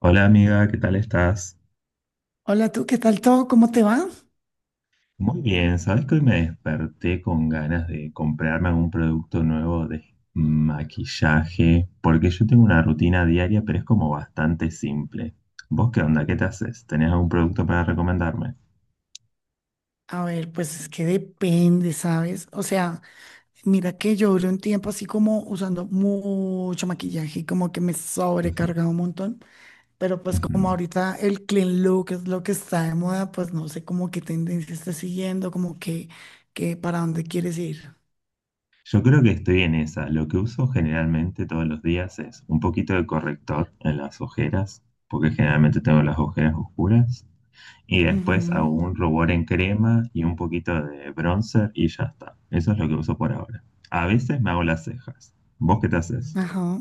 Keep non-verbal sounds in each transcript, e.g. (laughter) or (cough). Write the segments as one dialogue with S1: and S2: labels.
S1: Hola amiga, ¿qué tal estás?
S2: Hola, tú, ¿qué tal todo? ¿Cómo te va?
S1: Muy bien, sabes que hoy me desperté con ganas de comprarme algún producto nuevo de maquillaje, porque yo tengo una rutina diaria, pero es como bastante simple. ¿Vos qué onda? ¿Qué te haces? ¿Tenés algún producto para recomendarme?
S2: A ver, pues es que depende, ¿sabes? O sea, mira que yo duré un tiempo así como usando mucho maquillaje y como que me
S1: Ujú,
S2: sobrecargaba un montón, pero pues
S1: ujú.
S2: como ahorita el clean look es lo que está de moda, pues no sé cómo qué tendencia está siguiendo, como que para dónde quieres ir.
S1: Yo creo que estoy en esa. Lo que uso generalmente todos los días es un poquito de corrector en las ojeras, porque generalmente tengo las ojeras oscuras. Y después
S2: Ujú.
S1: hago un rubor en crema y un poquito de bronzer y ya está. Eso es lo que uso por ahora. A veces me hago las cejas. ¿Vos qué te haces?
S2: Ajá.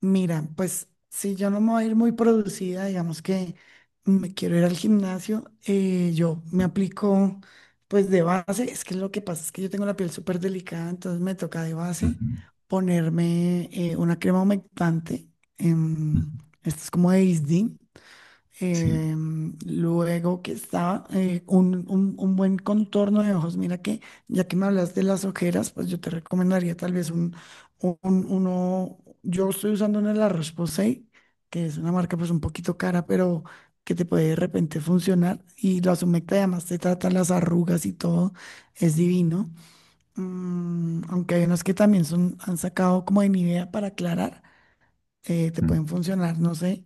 S2: Mira, pues si yo no me voy a ir muy producida, digamos que me quiero ir al gimnasio, yo me aplico pues de base, es que lo que pasa es que yo tengo la piel súper delicada, entonces me toca de base
S1: Ujú,
S2: ponerme una crema humectante.
S1: ujú,
S2: em, Esta es como de Isdin.
S1: sí,
S2: Luego que está un buen contorno de ojos. Mira que ya que me hablas de las ojeras, pues yo te recomendaría tal vez uno. Yo estoy usando una de la Roche-Posay, que es una marca pues un poquito cara, pero que te puede de repente funcionar. Y la Sumecta además te trata las arrugas y todo. Es divino. Mm, aunque hay unas que también son, han sacado como de Nivea para aclarar, te
S1: mm,
S2: pueden funcionar. No sé.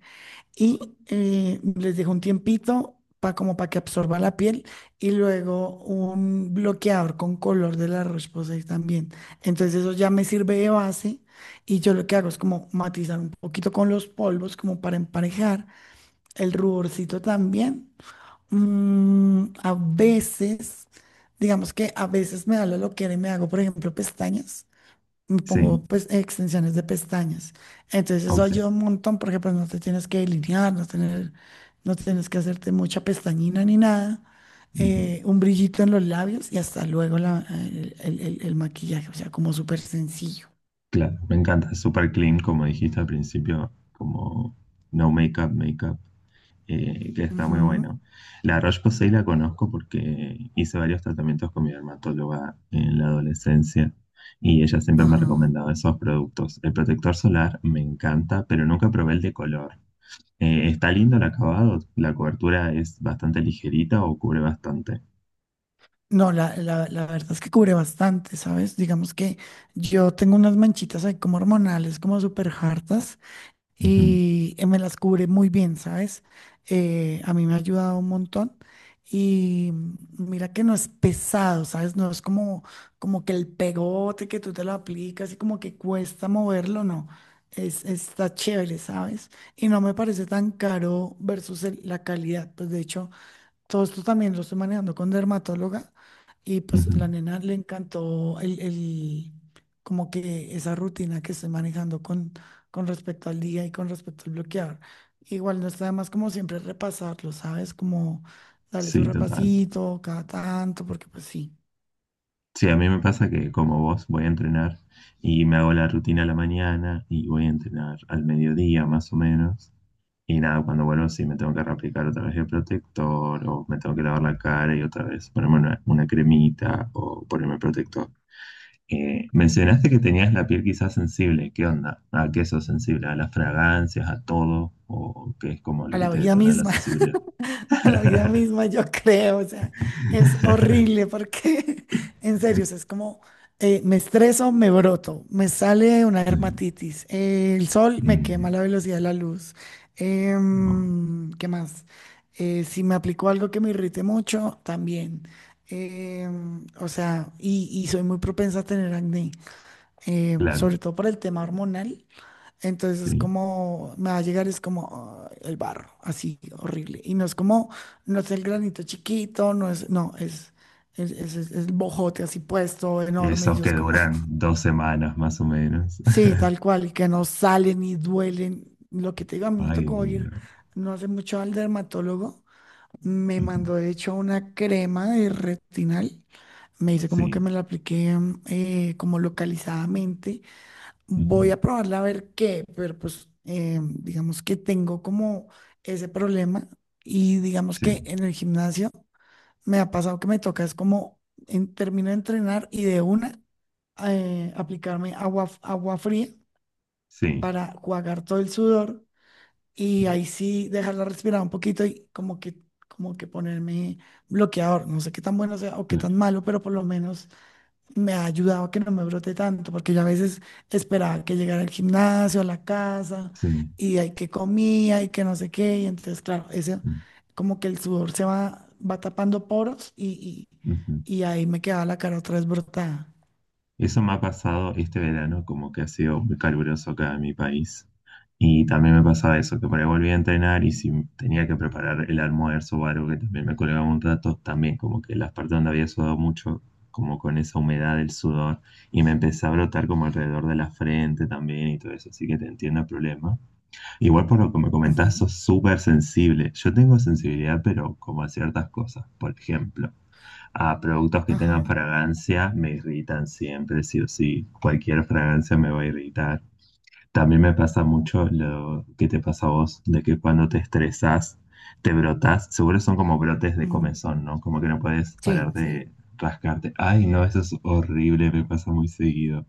S2: Y les dejo un tiempito como para que absorba la piel y luego un bloqueador con color de la Roche-Posay también. Entonces eso ya me sirve de base y yo lo que hago es como matizar un poquito con los polvos como para emparejar el ruborcito también. Mm, a veces, digamos que a veces me da la loquera y me hago, por ejemplo, pestañas, me pongo
S1: sí,
S2: pues extensiones de pestañas. Entonces eso
S1: ok,
S2: ayuda un montón porque pues no te tienes que delinear, no tener, no tienes que hacerte mucha pestañina ni nada.
S1: ujú.
S2: Un brillito en los labios y hasta luego el maquillaje, o sea, como súper sencillo.
S1: Claro, me encanta, es súper clean, como dijiste al principio, como no makeup, makeup. Que está muy
S2: Ujú.
S1: bueno. La Roche-Posay la conozco porque hice varios tratamientos con mi dermatóloga en la adolescencia y ella siempre me ha
S2: Ajá.
S1: recomendado esos productos. El protector solar me encanta, pero nunca probé el de color. Está lindo el acabado, la cobertura es bastante ligerita o cubre bastante.
S2: No, la verdad es que cubre bastante, ¿sabes? Digamos que yo tengo unas manchitas ahí como hormonales, como súper hartas. Y me las cubre muy bien, ¿sabes? A mí me ha ayudado un montón. Y mm, mira que no es pesado, ¿sabes? No es como, como que el pegote que tú te lo aplicas y como que cuesta moverlo, no. Es, está chévere, ¿sabes? Y no me parece tan caro versus la calidad. Pues de hecho, todo esto también lo estoy manejando con dermatóloga y
S1: Ujú,
S2: pues
S1: ujú.
S2: la nena le encantó el como que esa rutina que estoy manejando con respecto al día y con respecto al bloquear. Igual no está de más como siempre repasarlo, ¿sabes? Como darle su
S1: Sí, total.
S2: repasito cada tanto, porque pues sí,
S1: Sí, a mí me pasa que como vos voy a entrenar y me hago la rutina a la mañana y voy a entrenar al mediodía más o menos. Y nada, cuando vuelvo sí me tengo que reaplicar otra vez el protector o me tengo que lavar la cara y otra vez ponerme una cremita o ponerme protector. Mencionaste que tenías la piel quizás sensible. ¿Qué onda? ¿A qué sos sensible? ¿A las fragancias? ¿A todo? ¿O qué es como lo
S2: a
S1: que
S2: la
S1: te
S2: vida
S1: detona la
S2: misma.
S1: sensibilidad?
S2: (laughs) (laughs) A la vida
S1: (laughs)
S2: misma, yo creo, o sea, es horrible porque, (laughs) en serio, o sea, es como, me estreso, me broto, me sale una
S1: Sí.
S2: dermatitis, el sol me quema
S1: Mm,
S2: la velocidad de la luz,
S1: no,
S2: ¿qué más? Si me aplico algo que me irrite mucho, también. O sea, y soy muy propensa a tener acné,
S1: claro.
S2: sobre todo por el tema hormonal. Entonces,
S1: Sí,
S2: como me va a llegar es como ah, el barro, así horrible. Y no es como, no es el granito chiquito, no es, no, es, es el bojote así puesto, enorme. Y
S1: esos
S2: yo
S1: que
S2: es como,
S1: duran
S2: (laughs)
S1: 2 semanas más o menos.
S2: sí, tal cual, y que no salen y duelen. Lo que te digo, a mí
S1: (laughs)
S2: me
S1: Ay,
S2: tocó ir
S1: no.
S2: no hace mucho al dermatólogo. Me
S1: Ujú.
S2: mandó, de hecho, una crema de retinal. Me dice como que
S1: Sí,
S2: me la apliqué como localizadamente.
S1: ujú.
S2: Voy a probarla a ver qué, pero pues digamos que tengo como ese problema y digamos que
S1: Sí,
S2: en el gimnasio me ha pasado que me toca, es como en, termino de entrenar y de una aplicarme agua, agua fría
S1: sí,
S2: para jugar todo el sudor y ahí sí dejarla respirar un poquito y como que ponerme bloqueador. No sé qué tan bueno sea o qué
S1: claro,
S2: tan malo, pero por lo menos me ha ayudado a que no me brote tanto, porque yo a veces esperaba que llegara al gimnasio, a la casa,
S1: sí.
S2: y hay que comía y que no sé qué, y entonces, claro, ese,
S1: Mm,
S2: como que el sudor se va, va tapando poros y,
S1: ujú.
S2: y, y ahí me quedaba la cara otra vez brotada.
S1: Eso me ha pasado este verano, como que ha sido muy caluroso acá en mi país. Y también me pasaba eso, que por ahí volví a entrenar y si tenía que preparar el almuerzo o algo que también me colgaba un rato, también como que las partes donde había sudado mucho, como con esa humedad del sudor, y me empecé a brotar como alrededor de la frente también y todo eso, así que te entiendo el problema. Igual por lo que me comentás,
S2: Ujú.
S1: sos súper sensible. Yo tengo sensibilidad, pero como a ciertas cosas. Por ejemplo, a productos que
S2: Ajá.
S1: tengan fragancia me irritan siempre, sí o sí. Cualquier fragancia me va a irritar. También me pasa mucho lo que te pasa a vos, de que cuando te estresás, te brotas. Seguro son como brotes de
S2: Ujú.
S1: comezón, ¿no? Como que no puedes parar
S2: Sí, sí,
S1: de rascarte. Ay, no, eso es horrible, me pasa muy seguido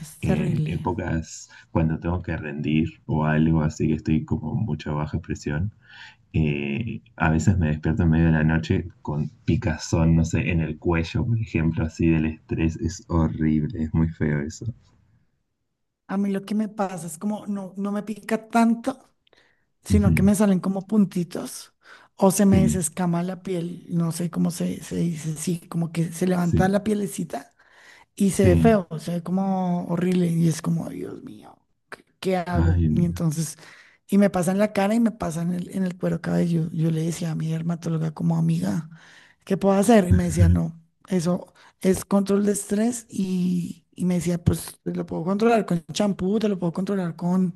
S2: es
S1: en
S2: terrible.
S1: épocas cuando tengo que rendir o algo así que estoy como mucha baja presión. A veces me despierto en medio de la noche con picazón, no sé, en el cuello, por ejemplo, así del estrés. Es horrible, es muy feo eso.
S2: A mí lo que me pasa es como no, no me pica tanto,
S1: Ujú.
S2: sino que me salen como puntitos o se me
S1: Sí,
S2: desescama la piel, no sé cómo se dice, sí, como que se levanta
S1: sí,
S2: la pielecita y se ve
S1: sí.
S2: feo, se ve como horrible y es como, Dios mío, ¿qué hago?
S1: Ay,
S2: Y
S1: no
S2: entonces, y me pasa en la cara y me pasa en el cuero cabelludo. Yo le decía a mi dermatóloga como amiga, ¿qué puedo hacer? Y me decía, no, eso es control de estrés y... Y me decía, pues te lo puedo controlar con champú, te lo puedo controlar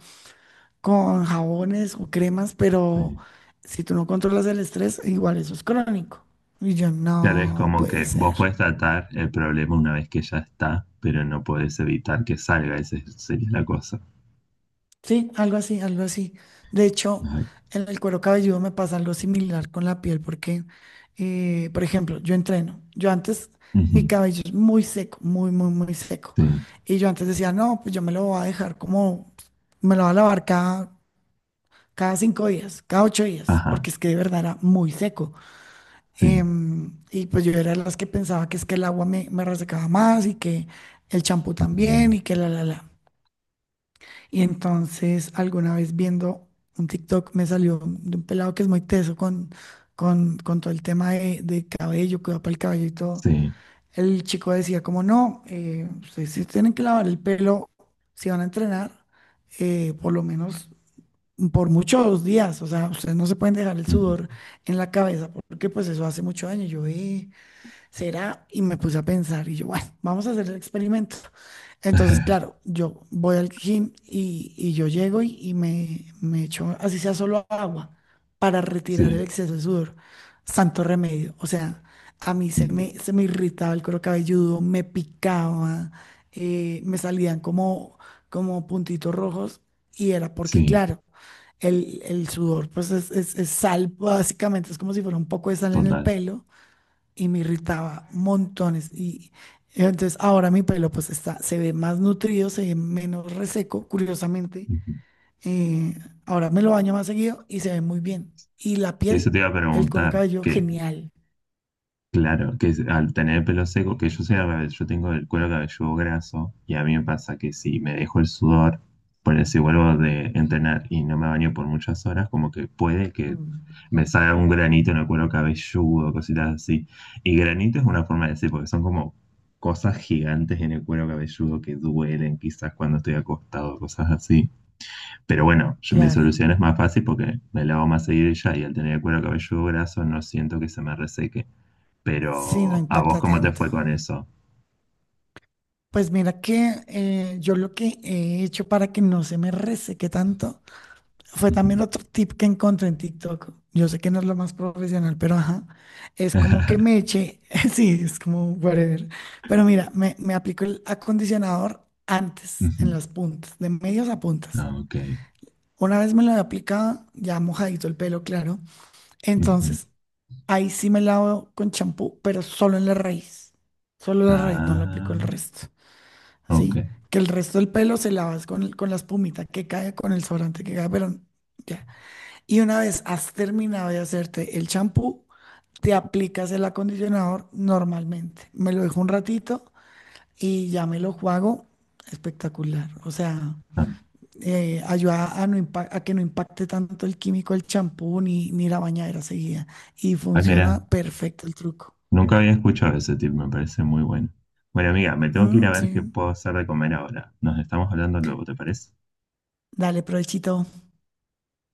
S2: con jabones o cremas, pero
S1: sé.
S2: si tú no controlas el estrés, igual eso es crónico. Y yo,
S1: Claro, es
S2: no
S1: como
S2: puede
S1: que vos
S2: ser.
S1: podés tratar el problema una vez que ya está, pero no podés evitar que salga, esa sería la cosa.
S2: Sí, algo así, algo así. De hecho,
S1: Ay,
S2: en el cuero cabelludo me pasa algo similar con la piel, porque, por ejemplo, yo entreno. Yo antes,
S1: ujú,
S2: mi cabello es muy seco, muy, muy, muy seco.
S1: sí,
S2: Y yo antes decía, no, pues yo me lo voy a dejar como, me lo voy a lavar cada, cada 5 días, cada 8 días,
S1: ajá,
S2: porque es que de verdad era muy seco.
S1: sí,
S2: Y pues yo era de las que pensaba que es que el agua me resecaba más y que el champú también
S1: mm,
S2: y que la, la, la. Y entonces alguna vez viendo un TikTok me salió de un pelado que es muy teso con todo el tema de cabello, cuidado para el cabello y todo.
S1: sí.
S2: El chico decía como no, ustedes sí tienen que lavar el pelo si van a entrenar, por lo menos por muchos días. O sea, ustedes no se pueden dejar el
S1: Ujú.
S2: sudor en la cabeza porque pues eso hace mucho daño. Yo, ¿será?" Y me puse a pensar y yo, bueno, vamos a hacer el experimento. Entonces,
S1: (laughs)
S2: claro, yo voy al gym y yo llego y me echo, así sea solo agua, para retirar el
S1: Sí,
S2: exceso de sudor. Santo remedio. O sea, a mí se me irritaba el cuero cabelludo, me picaba, me salían como, como puntitos rojos y era porque,
S1: sí,
S2: claro, el sudor pues es, es sal, básicamente, es como si fuera un poco de sal en el
S1: total.
S2: pelo y me irritaba montones. Y entonces ahora mi pelo pues está, se ve más nutrido, se ve menos reseco, curiosamente.
S1: Ujú.
S2: Eh, Ahora me lo baño más seguido y se ve muy bien. Y la
S1: Eso
S2: piel,
S1: te iba a
S2: el cuero
S1: preguntar,
S2: cabelludo,
S1: que
S2: genial.
S1: claro, al tener el pelo seco, que yo sea, al yo tengo el cuero cabelludo graso y a mí me pasa que si me dejo el sudor, por si vuelvo de entrenar y no me baño por muchas horas, como que puede que
S2: Mm,
S1: me salga un granito en el cuero cabelludo, cositas así. Y granito es una forma de decir, porque son como cosas gigantes en el cuero cabelludo que duelen quizás cuando estoy acostado, cosas así. Pero bueno, yo, mi
S2: claro,
S1: solución es más fácil porque me lavo más seguido y ya, y al tener el cuero cabelludo graso no siento que se me reseque.
S2: sí, no
S1: Pero, ¿a vos
S2: impacta
S1: cómo te
S2: tanto.
S1: fue con eso?
S2: Pues mira que yo lo que he hecho para que no se me reseque tanto fue también
S1: Ujú.
S2: otro tip que encontré en TikTok. Yo sé que no es lo más profesional, pero ajá, es como que me
S1: (laughs)
S2: eché, (laughs) sí, es como whatever. Pero mira, me aplico el acondicionador antes, en
S1: Ujú.
S2: las puntas, de medios a puntas.
S1: Ah, ok.
S2: Una vez me lo he aplicado, ya mojadito el pelo, claro.
S1: Ujú.
S2: Entonces, ahí sí me lavo con champú, pero solo en la raíz. Solo la raíz, no lo aplico el
S1: Ah,
S2: resto,
S1: ok.
S2: ¿sí? Que el resto del pelo se lavas con, con la espumita que cae, con el sobrante que cae, pero ya. Y una vez has terminado de hacerte el champú, te aplicas el acondicionador normalmente. Me lo dejo un ratito y ya me lo juego. Espectacular. O sea,
S1: Ah.
S2: ayuda a, a que no impacte tanto el químico el champú ni, ni la bañadera seguida. Y
S1: Ay, mira,
S2: funciona perfecto el truco.
S1: nunca había escuchado ese tip, me parece muy bueno. Bueno, amiga, me tengo que ir a
S2: Mm,
S1: ver
S2: sí.
S1: qué puedo hacer de comer ahora. Nos estamos hablando luego, ¿te parece?
S2: Dale, provechito.